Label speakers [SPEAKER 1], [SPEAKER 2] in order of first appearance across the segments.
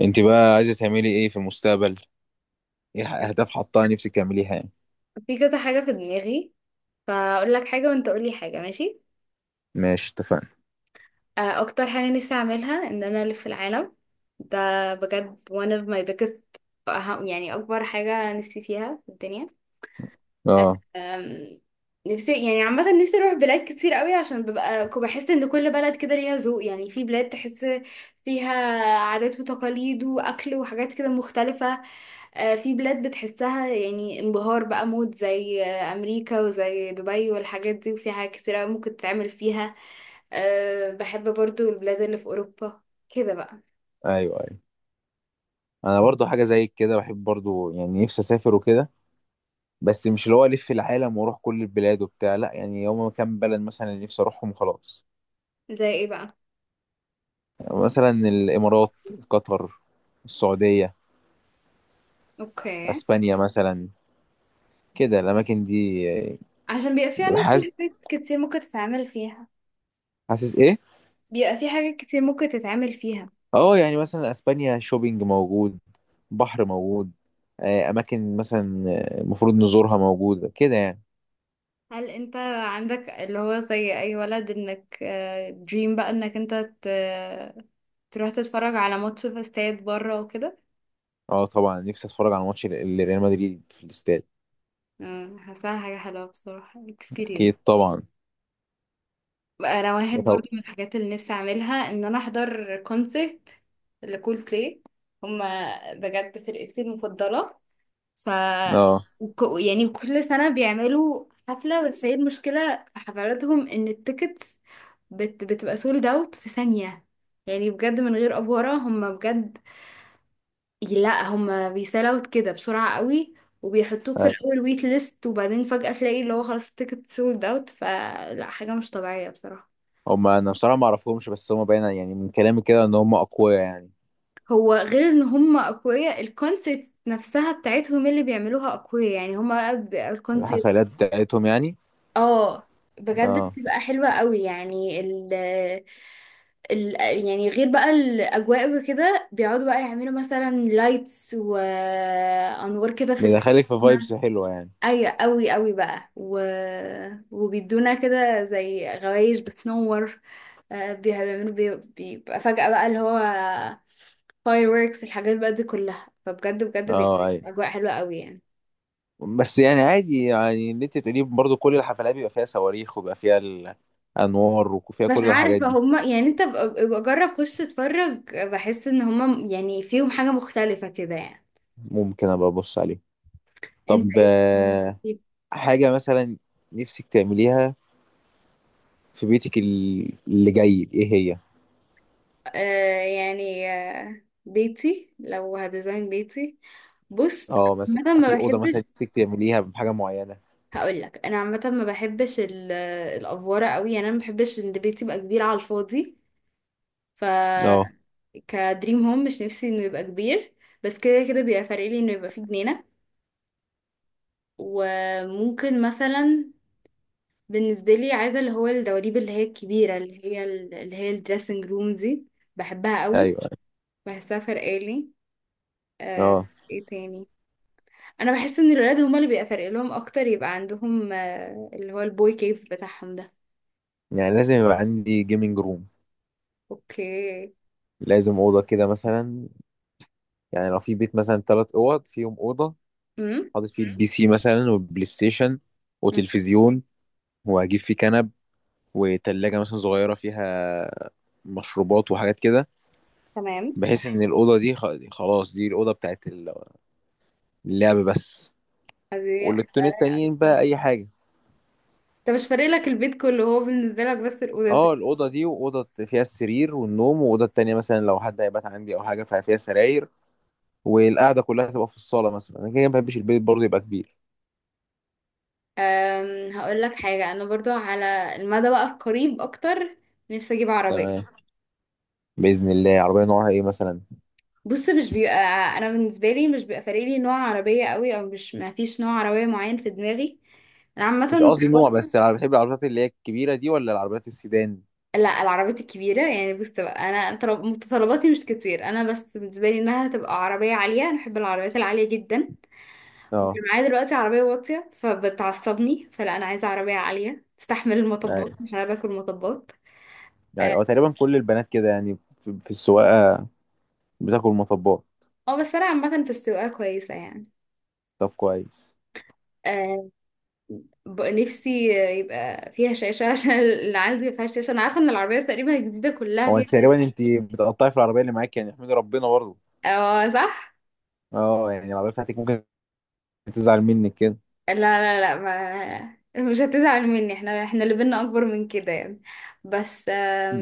[SPEAKER 1] انت بقى عايزه تعملي ايه في المستقبل؟ ايه اهداف حطها نفسك تعمليها يعني؟
[SPEAKER 2] في كذا حاجة في دماغي، فأقول لك حاجة وأنت قولي حاجة، ماشي.
[SPEAKER 1] ماشي، اتفقنا.
[SPEAKER 2] أكتر حاجة نفسي أعملها إن أنا ألف العالم. ده بجد one of my biggest. يعني أكبر حاجة نفسي فيها في الدنيا.
[SPEAKER 1] اه،
[SPEAKER 2] أم، نفسي يعني عامة نفسي أروح بلاد كتير قوي، عشان ببقى بحس إن كل بلد كده ليها ذوق. يعني في بلاد تحس فيها عادات وتقاليد وأكل وحاجات كده مختلفة. آه، في بلاد بتحسها يعني انبهار بقى، مود زي أمريكا وزي دبي والحاجات دي، وفي حاجات كتير أوي ممكن تتعمل فيها. أه، بحب برضو البلاد اللي في أوروبا، كده بقى.
[SPEAKER 1] ايوه ايوه، انا برضو حاجه زي كده، بحب برضو يعني نفسي اسافر وكده. بس مش اللي هو الف العالم واروح كل البلاد وبتاع، لا، يعني هما كام بلد مثلا اللي نفسي اروحهم خلاص.
[SPEAKER 2] زي ايه بقى؟
[SPEAKER 1] مثلا الامارات، قطر، السعوديه،
[SPEAKER 2] اوكي.
[SPEAKER 1] اسبانيا مثلا، كده الاماكن دي.
[SPEAKER 2] عشان بيبقى في أنا
[SPEAKER 1] حاسس.
[SPEAKER 2] في حاجات كتير ممكن تتعمل فيها.
[SPEAKER 1] حاسس ايه؟
[SPEAKER 2] بيبقى في حاجات كتير ممكن تتعمل فيها.
[SPEAKER 1] اه يعني مثلا اسبانيا، شوبينج موجود، بحر موجود، اماكن مثلا المفروض نزورها موجوده كده يعني.
[SPEAKER 2] هل انت عندك اللي هو زي أي ولد، انك دريم بقى انك انت ت- تروح تتفرج على ماتش في استاد بره وكده؟
[SPEAKER 1] اه طبعا، نفسي اتفرج على ماتش ريال مدريد في الاستاد.
[SPEAKER 2] مم، حاساها حاجة حلوة بصراحة،
[SPEAKER 1] اكيد
[SPEAKER 2] experience.
[SPEAKER 1] طبعا.
[SPEAKER 2] انا واحد
[SPEAKER 1] طب-
[SPEAKER 2] برضو من الحاجات اللي نفسي اعملها ان انا احضر كونسرت لكول بلاي. هما بجد فرقتي المفضله. ف
[SPEAKER 1] اه.
[SPEAKER 2] يعني كل سنه بيعملوا حفله، بس هي المشكله في حفلاتهم ان التيكتس بتبقى سولد اوت في ثانيه. يعني بجد من غير افوره هما بجد لا هما بيسال اوت كده بسرعه قوي. وبيحطوك في
[SPEAKER 1] آه.
[SPEAKER 2] الاول ويت ليست، وبعدين فجاه تلاقي اللي هو خلاص التيكت سولد اوت، فلا حاجه مش طبيعيه بصراحه.
[SPEAKER 1] هم انا بصراحه ما اعرفهمش، بس هم باين يعني من كلامي كده ان هم اقوياء يعني.
[SPEAKER 2] هو غير ان هم اقوياء، الكونسيبت نفسها بتاعتهم اللي بيعملوها اقوياء، يعني هم الكونسيبت.
[SPEAKER 1] الحفلات بتاعتهم يعني.
[SPEAKER 2] اه، بجد
[SPEAKER 1] اه.
[SPEAKER 2] بتبقى حلوة قوي. يعني ال يعني غير بقى الاجواء وكده، بيقعدوا بقى يعملوا مثلا لايتس وانوار كده في
[SPEAKER 1] بيدخلك في
[SPEAKER 2] السما.
[SPEAKER 1] فايبس حلوه يعني.
[SPEAKER 2] ايوه، قوي قوي بقى، وبيدونا كده زي غوايش بتنور. آه، بيعملوا بيبقى فجأة بقى اللي هو fireworks، الحاجات بقى دي كلها، فبجد بجد
[SPEAKER 1] اه،
[SPEAKER 2] بيعملوا
[SPEAKER 1] اي.
[SPEAKER 2] اجواء حلوة قوي يعني.
[SPEAKER 1] بس يعني عادي، يعني اللي انت تقوليه برضو كل الحفلات بيبقى فيها صواريخ وبيبقى فيها الانوار وفيها
[SPEAKER 2] مش
[SPEAKER 1] كل الحاجات
[SPEAKER 2] عارفة
[SPEAKER 1] دي.
[SPEAKER 2] هما يعني، انت ابقى جرب خش اتفرج، بحس ان هما يعني فيهم حاجة مختلفة كده يعني.
[SPEAKER 1] ممكن ابقى ابص عليه.
[SPEAKER 2] انت
[SPEAKER 1] طب
[SPEAKER 2] ايه بقى من تفكير؟
[SPEAKER 1] حاجة مثلا نفسك تعمليها في بيتك، اللي جاي ايه هي؟
[SPEAKER 2] آه، يعني آه، بيتي لو هديزاين بيتي، بص،
[SPEAKER 1] اه مثلا
[SPEAKER 2] انا ما
[SPEAKER 1] في أوضة
[SPEAKER 2] بحبش.
[SPEAKER 1] مثلا نفسك تعمليها بحاجة معينة؟
[SPEAKER 2] هقول لك انا عامه ما بحبش الافوره قوي، يعني انا ما بحبش ان البيت يبقى كبير على الفاضي. ف
[SPEAKER 1] اه.
[SPEAKER 2] كدريم هوم مش نفسي انه يبقى كبير، بس كده كده بيبقى فارق لي انه يبقى فيه جنينه. وممكن مثلا بالنسبه لي عايزه اللي هو الدواليب اللي هي الكبيره اللي هي اللي هي الدريسنج روم دي، بحبها قوي،
[SPEAKER 1] ايوه.
[SPEAKER 2] بحسها فارقه لي. آه،
[SPEAKER 1] اه
[SPEAKER 2] ايه تاني؟ انا بحس ان الولاد هما اللي بيبقى فارق لهم اكتر يبقى عندهم، آه، اللي هو البوي كيف بتاعهم ده.
[SPEAKER 1] يعني لازم يبقى عندي جيمنج روم،
[SPEAKER 2] اوكي.
[SPEAKER 1] لازم أوضة كده مثلا. يعني لو في بيت مثلا ثلاث أوض، فيهم أوضة
[SPEAKER 2] امم.
[SPEAKER 1] حاطط فيه البي سي مثلا والبلاي ستيشن وتلفزيون، وهجيب فيه كنب وتلاجة مثلا صغيرة فيها مشروبات وحاجات كده،
[SPEAKER 2] تمام.
[SPEAKER 1] بحيث إن الأوضة دي خلاص دي الأوضة بتاعت اللعب بس.
[SPEAKER 2] دي هتبقى
[SPEAKER 1] والاوضتين
[SPEAKER 2] رايقة أوي
[SPEAKER 1] التانيين بقى
[SPEAKER 2] بصراحة.
[SPEAKER 1] اي حاجه.
[SPEAKER 2] طب مش فارق لك البيت كله، هو بالنسبة لك بس الأوضة
[SPEAKER 1] اه،
[SPEAKER 2] دي.
[SPEAKER 1] الاوضه دي واوضه فيها السرير والنوم، واوضه التانيه مثلا لو حد هيبات عندي او حاجه ففيها سراير، والقعده كلها تبقى في الصاله مثلا. انا كده ما بحبش البيت برضه يبقى كبير.
[SPEAKER 2] أم، هقول لك حاجة، أنا برضو على المدى بقى القريب أكتر نفسي أجيب عربية.
[SPEAKER 1] تمام. باذن الله. عربيه نوعها ايه مثلا؟
[SPEAKER 2] بص، مش بيبقى، أنا بالنسبة لي مش بيبقى فارق لي نوع عربية قوي، أو مش، ما فيش نوع عربية معين في دماغي. أنا
[SPEAKER 1] مش
[SPEAKER 2] عامة،
[SPEAKER 1] قصدي نوع، بس انا بحب العربيات اللي هي الكبيره دي ولا العربيات السيدان؟
[SPEAKER 2] لا العربيات الكبيرة، يعني بص بقى، أنا متطلباتي مش كتير، أنا بس بالنسبة لي إنها تبقى عربية عالية، أنا بحب العربيات العالية جدا. وانا
[SPEAKER 1] اه.
[SPEAKER 2] معايا دلوقتي عربية واطية فبتعصبني، فلا انا عايزة عربية عالية تستحمل المطبات،
[SPEAKER 1] ايوه
[SPEAKER 2] عشان انا باكل مطبات.
[SPEAKER 1] يعني،
[SPEAKER 2] اه.
[SPEAKER 1] هو تقريبا كل البنات كده يعني في في السواقه بتاكل مطبات.
[SPEAKER 2] آه، بس انا عامة في السواقة كويسة يعني.
[SPEAKER 1] طب كويس.
[SPEAKER 2] آه، نفسي يبقى فيها شاشة عشان اللي عندي ما فيهاش شاشة. أنا عارفة إن العربية تقريبا الجديدة كلها
[SPEAKER 1] هو
[SPEAKER 2] فيها
[SPEAKER 1] انت
[SPEAKER 2] شاشة.
[SPEAKER 1] تقريبا انت بتقطعي في العربيه اللي معاك، يعني احمدي ربنا برضه.
[SPEAKER 2] اه، صح؟
[SPEAKER 1] اه يعني العربيه بتاعتك ممكن تزعل منك كده.
[SPEAKER 2] لا لا لا، ما مش هتزعل مني، احنا اللي بينا أكبر من كده يعني. بس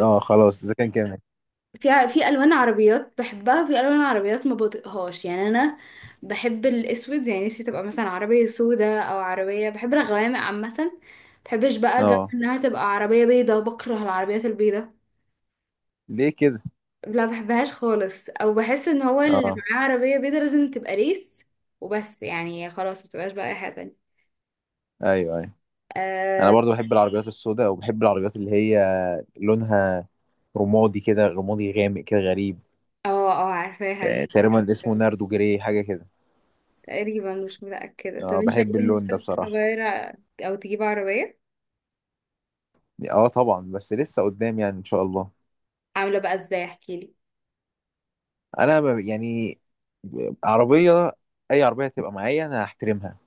[SPEAKER 1] اه، خلاص اذا كان كامل.
[SPEAKER 2] في الوان عربيات بحبها، في الوان عربيات ما بطيقهاش يعني. انا بحب الاسود، يعني نفسي تبقى مثلا عربيه سودة، او عربيه بحب الغوامق عامه. بحبش بقى جو
[SPEAKER 1] اه
[SPEAKER 2] انها تبقى عربيه بيضه، بكره العربيات البيضه.
[SPEAKER 1] ليه كده؟
[SPEAKER 2] لا بحبهاش خالص، او بحس ان هو اللي
[SPEAKER 1] اه.
[SPEAKER 2] معاه عربيه بيضه لازم تبقى ريس وبس، يعني خلاص ما تبقاش بقى اي حاجه تانية.
[SPEAKER 1] ايوه ايوه، انا
[SPEAKER 2] اه.
[SPEAKER 1] برضو بحب العربيات السوداء، وبحب العربيات اللي هي لونها رمادي كده، رمادي غامق كده غريب.
[SPEAKER 2] اه، آه، عارفاها دي.
[SPEAKER 1] تقريبا اسمه ناردو جري حاجه كده.
[SPEAKER 2] تقريبا مش متاكده. طب
[SPEAKER 1] اه
[SPEAKER 2] انت
[SPEAKER 1] بحب
[SPEAKER 2] ايه
[SPEAKER 1] اللون ده
[SPEAKER 2] نفسك
[SPEAKER 1] بصراحه.
[SPEAKER 2] تغير او تجيب عربيه،
[SPEAKER 1] اه طبعا، بس لسه قدام يعني ان شاء الله.
[SPEAKER 2] عامله بقى ازاي، احكيلي.
[SPEAKER 1] انا يعني عربيه، اي عربيه هتبقى معايا انا هحترمها.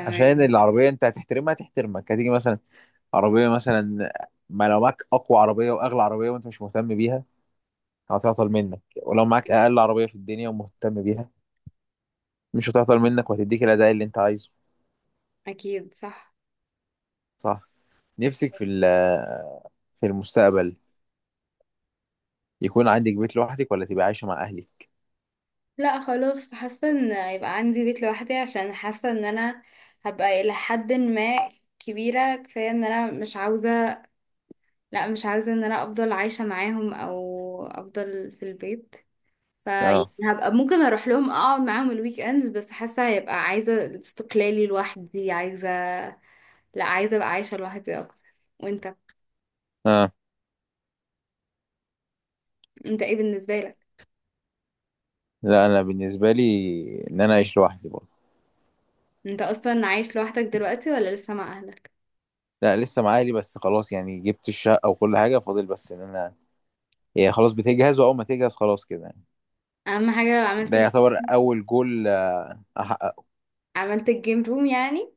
[SPEAKER 1] عشان العربيه انت هتحترمها هتحترمك. هتيجي مثلا عربيه مثلا، ما لو معاك اقوى عربيه واغلى عربيه وانت مش مهتم بيها هتعطل منك، ولو معاك اقل عربيه في الدنيا ومهتم بيها مش هتعطل منك، وهتديك الاداء اللي انت عايزه.
[SPEAKER 2] اكيد صح.
[SPEAKER 1] صح. نفسك في في المستقبل يكون عندك بيت لوحدك ولا تبقى عايشه مع اهلك؟
[SPEAKER 2] لا خلاص، حاسه ان يبقى عندي بيت لوحدي، عشان حاسه ان انا هبقى الى حد ما كبيره كفايه، ان انا مش عاوزه، لا مش عاوزه ان انا افضل عايشه معاهم او افضل في البيت.
[SPEAKER 1] اه.
[SPEAKER 2] فهبقى ممكن اروح لهم اقعد معاهم الويك اندز، بس حاسه هيبقى عايزه استقلالي لوحدي، عايزه، لا عايزه ابقى عايشه لوحدي اكتر. وانت،
[SPEAKER 1] اه.
[SPEAKER 2] انت ايه بالنسبه لك؟
[SPEAKER 1] لا انا بالنسبه لي ان انا اعيش لوحدي برضه.
[SPEAKER 2] انت اصلا عايش لوحدك دلوقتي ولا لسه مع اهلك؟
[SPEAKER 1] لا لسه مع اهلي، بس خلاص يعني جبت الشقه وكل حاجه، فاضل بس ان انا، هي خلاص بتجهز، واول ما تجهز خلاص كده يعني.
[SPEAKER 2] اهم حاجه،
[SPEAKER 1] ده يعتبر اول جول احققه.
[SPEAKER 2] عملت الجيم روم يعني؟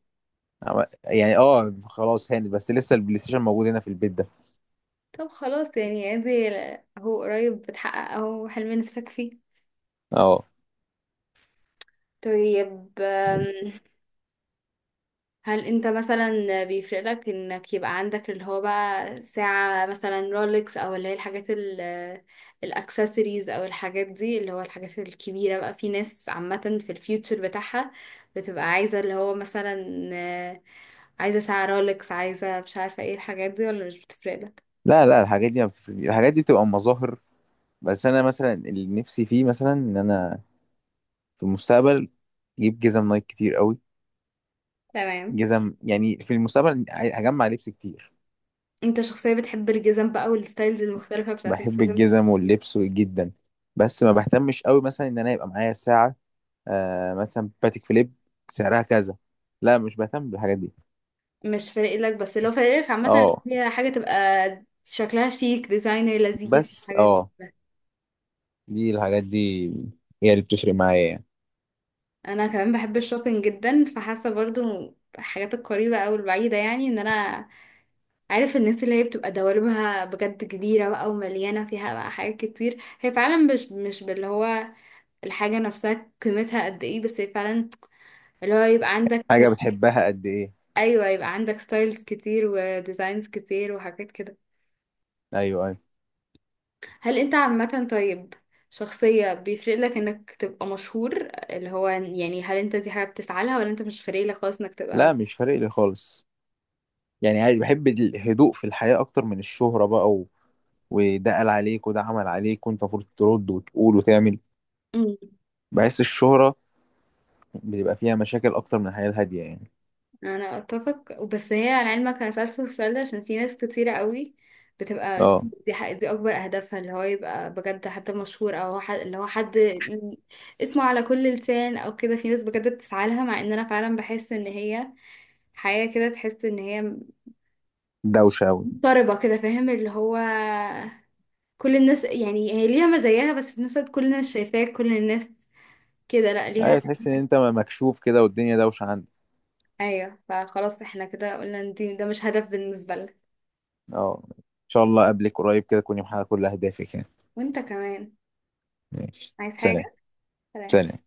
[SPEAKER 1] يعني اه، خلاص هانت، بس لسه البلاي ستيشن موجود هنا في البيت ده.
[SPEAKER 2] طب خلاص يعني ادي، هو قريب بتحقق اهو حلم نفسك فيه.
[SPEAKER 1] اه.
[SPEAKER 2] طيب هل انت مثلا بيفرق لك انك يبقى عندك اللي هو بقى ساعة مثلا رولكس، او اللي هي الحاجات الاكسسوارز او الحاجات دي، اللي هو الحاجات الكبيرة بقى؟ في ناس عامة في الفيوتشر بتاعها بتبقى عايزة اللي هو مثلا، آه، عايزة ساعة رولكس، عايزة مش عارفة ايه الحاجات دي، ولا مش بتفرق لك؟
[SPEAKER 1] لا لا، الحاجات دي ما بتفرق، الحاجات دي بتبقى مظاهر. بس انا مثلا اللي نفسي فيه مثلا ان انا في المستقبل اجيب جزم نايك كتير قوي.
[SPEAKER 2] تمام.
[SPEAKER 1] جزم يعني. في المستقبل هجمع لبس كتير.
[SPEAKER 2] انت شخصية بتحب الجزم بقى والستايلز المختلفة بتاعت
[SPEAKER 1] بحب
[SPEAKER 2] الجزم.
[SPEAKER 1] الجزم واللبس جدا. بس ما بهتمش قوي مثلا ان انا يبقى معايا ساعة آه مثلا باتيك فيليب سعرها كذا، لا مش بهتم بالحاجات دي.
[SPEAKER 2] مش فارق لك، بس لو فارق لك عامة اللي
[SPEAKER 1] اه
[SPEAKER 2] هي حاجة تبقى شكلها شيك، ديزاينر لذيذ،
[SPEAKER 1] بس
[SPEAKER 2] الحاجات دي.
[SPEAKER 1] اه، دي الحاجات دي هي اللي بتفرق معايا يعني.
[SPEAKER 2] انا كمان بحب الشوبينج جدا، فحاسة برضو الحاجات القريبة او البعيدة، يعني ان انا عارف الناس اللي هي بتبقى دواليبها بجد كبيرة بقى ومليانة فيها بقى حاجات كتير، هي فعلا مش باللي هو الحاجة نفسها قيمتها قد ايه، بس هي فعلا اللي هو يبقى
[SPEAKER 1] حاجة
[SPEAKER 2] عندك،
[SPEAKER 1] بتحبها قد ايه.
[SPEAKER 2] ايوه يبقى عندك ستايلز كتير وديزاينز كتير وحاجات كده.
[SPEAKER 1] ايوه ايوه.
[SPEAKER 2] هل انت عامة، طيب، شخصية بيفرق لك انك تبقى مشهور؟ اللي هو يعني هل انت دي حاجة بتسعى لها ولا انت مش فارق لك خالص انك تبقى
[SPEAKER 1] لا
[SPEAKER 2] مشهور؟
[SPEAKER 1] مش فارق لي خالص، يعني عادي، بحب الهدوء في الحياة أكتر من الشهرة بقى، وده قال عليك وده عمل عليك وأنت المفروض ترد وتقول وتعمل.
[SPEAKER 2] مم.
[SPEAKER 1] بحس الشهرة بيبقى فيها مشاكل أكتر من الحياة الهادية يعني.
[SPEAKER 2] انا اتفق، بس هي على علمك انا سألت السؤال ده عشان في ناس كتيرة قوي بتبقى
[SPEAKER 1] أه.
[SPEAKER 2] دي اكبر اهدافها، اللي هو يبقى بجد حتى مشهور، او اللي هو حد اسمه على كل لسان او كده. في ناس بجد بتسعى لها، مع ان انا فعلا بحس ان هي حياة كده تحس ان هي
[SPEAKER 1] دوشة أوي.
[SPEAKER 2] مضطربة كده، فاهم؟ اللي هو كل الناس يعني، هي ليها مزاياها، بس في نفس الوقت كل الناس شايفاك، كل الناس كده، لا ليها.
[SPEAKER 1] أيوة، تحس إن أنت مكشوف كده والدنيا دوشة عندك.
[SPEAKER 2] ايوه فخلاص احنا كده قلنا ان ده مش هدف بالنسبة لنا.
[SPEAKER 1] أه، إن شاء الله أقابلك قريب كده تكوني محققة كل أهدافك يعني.
[SPEAKER 2] وانت كمان،
[SPEAKER 1] ماشي،
[SPEAKER 2] عايز حاجة؟
[SPEAKER 1] سلام.
[SPEAKER 2] سلام.
[SPEAKER 1] سلام.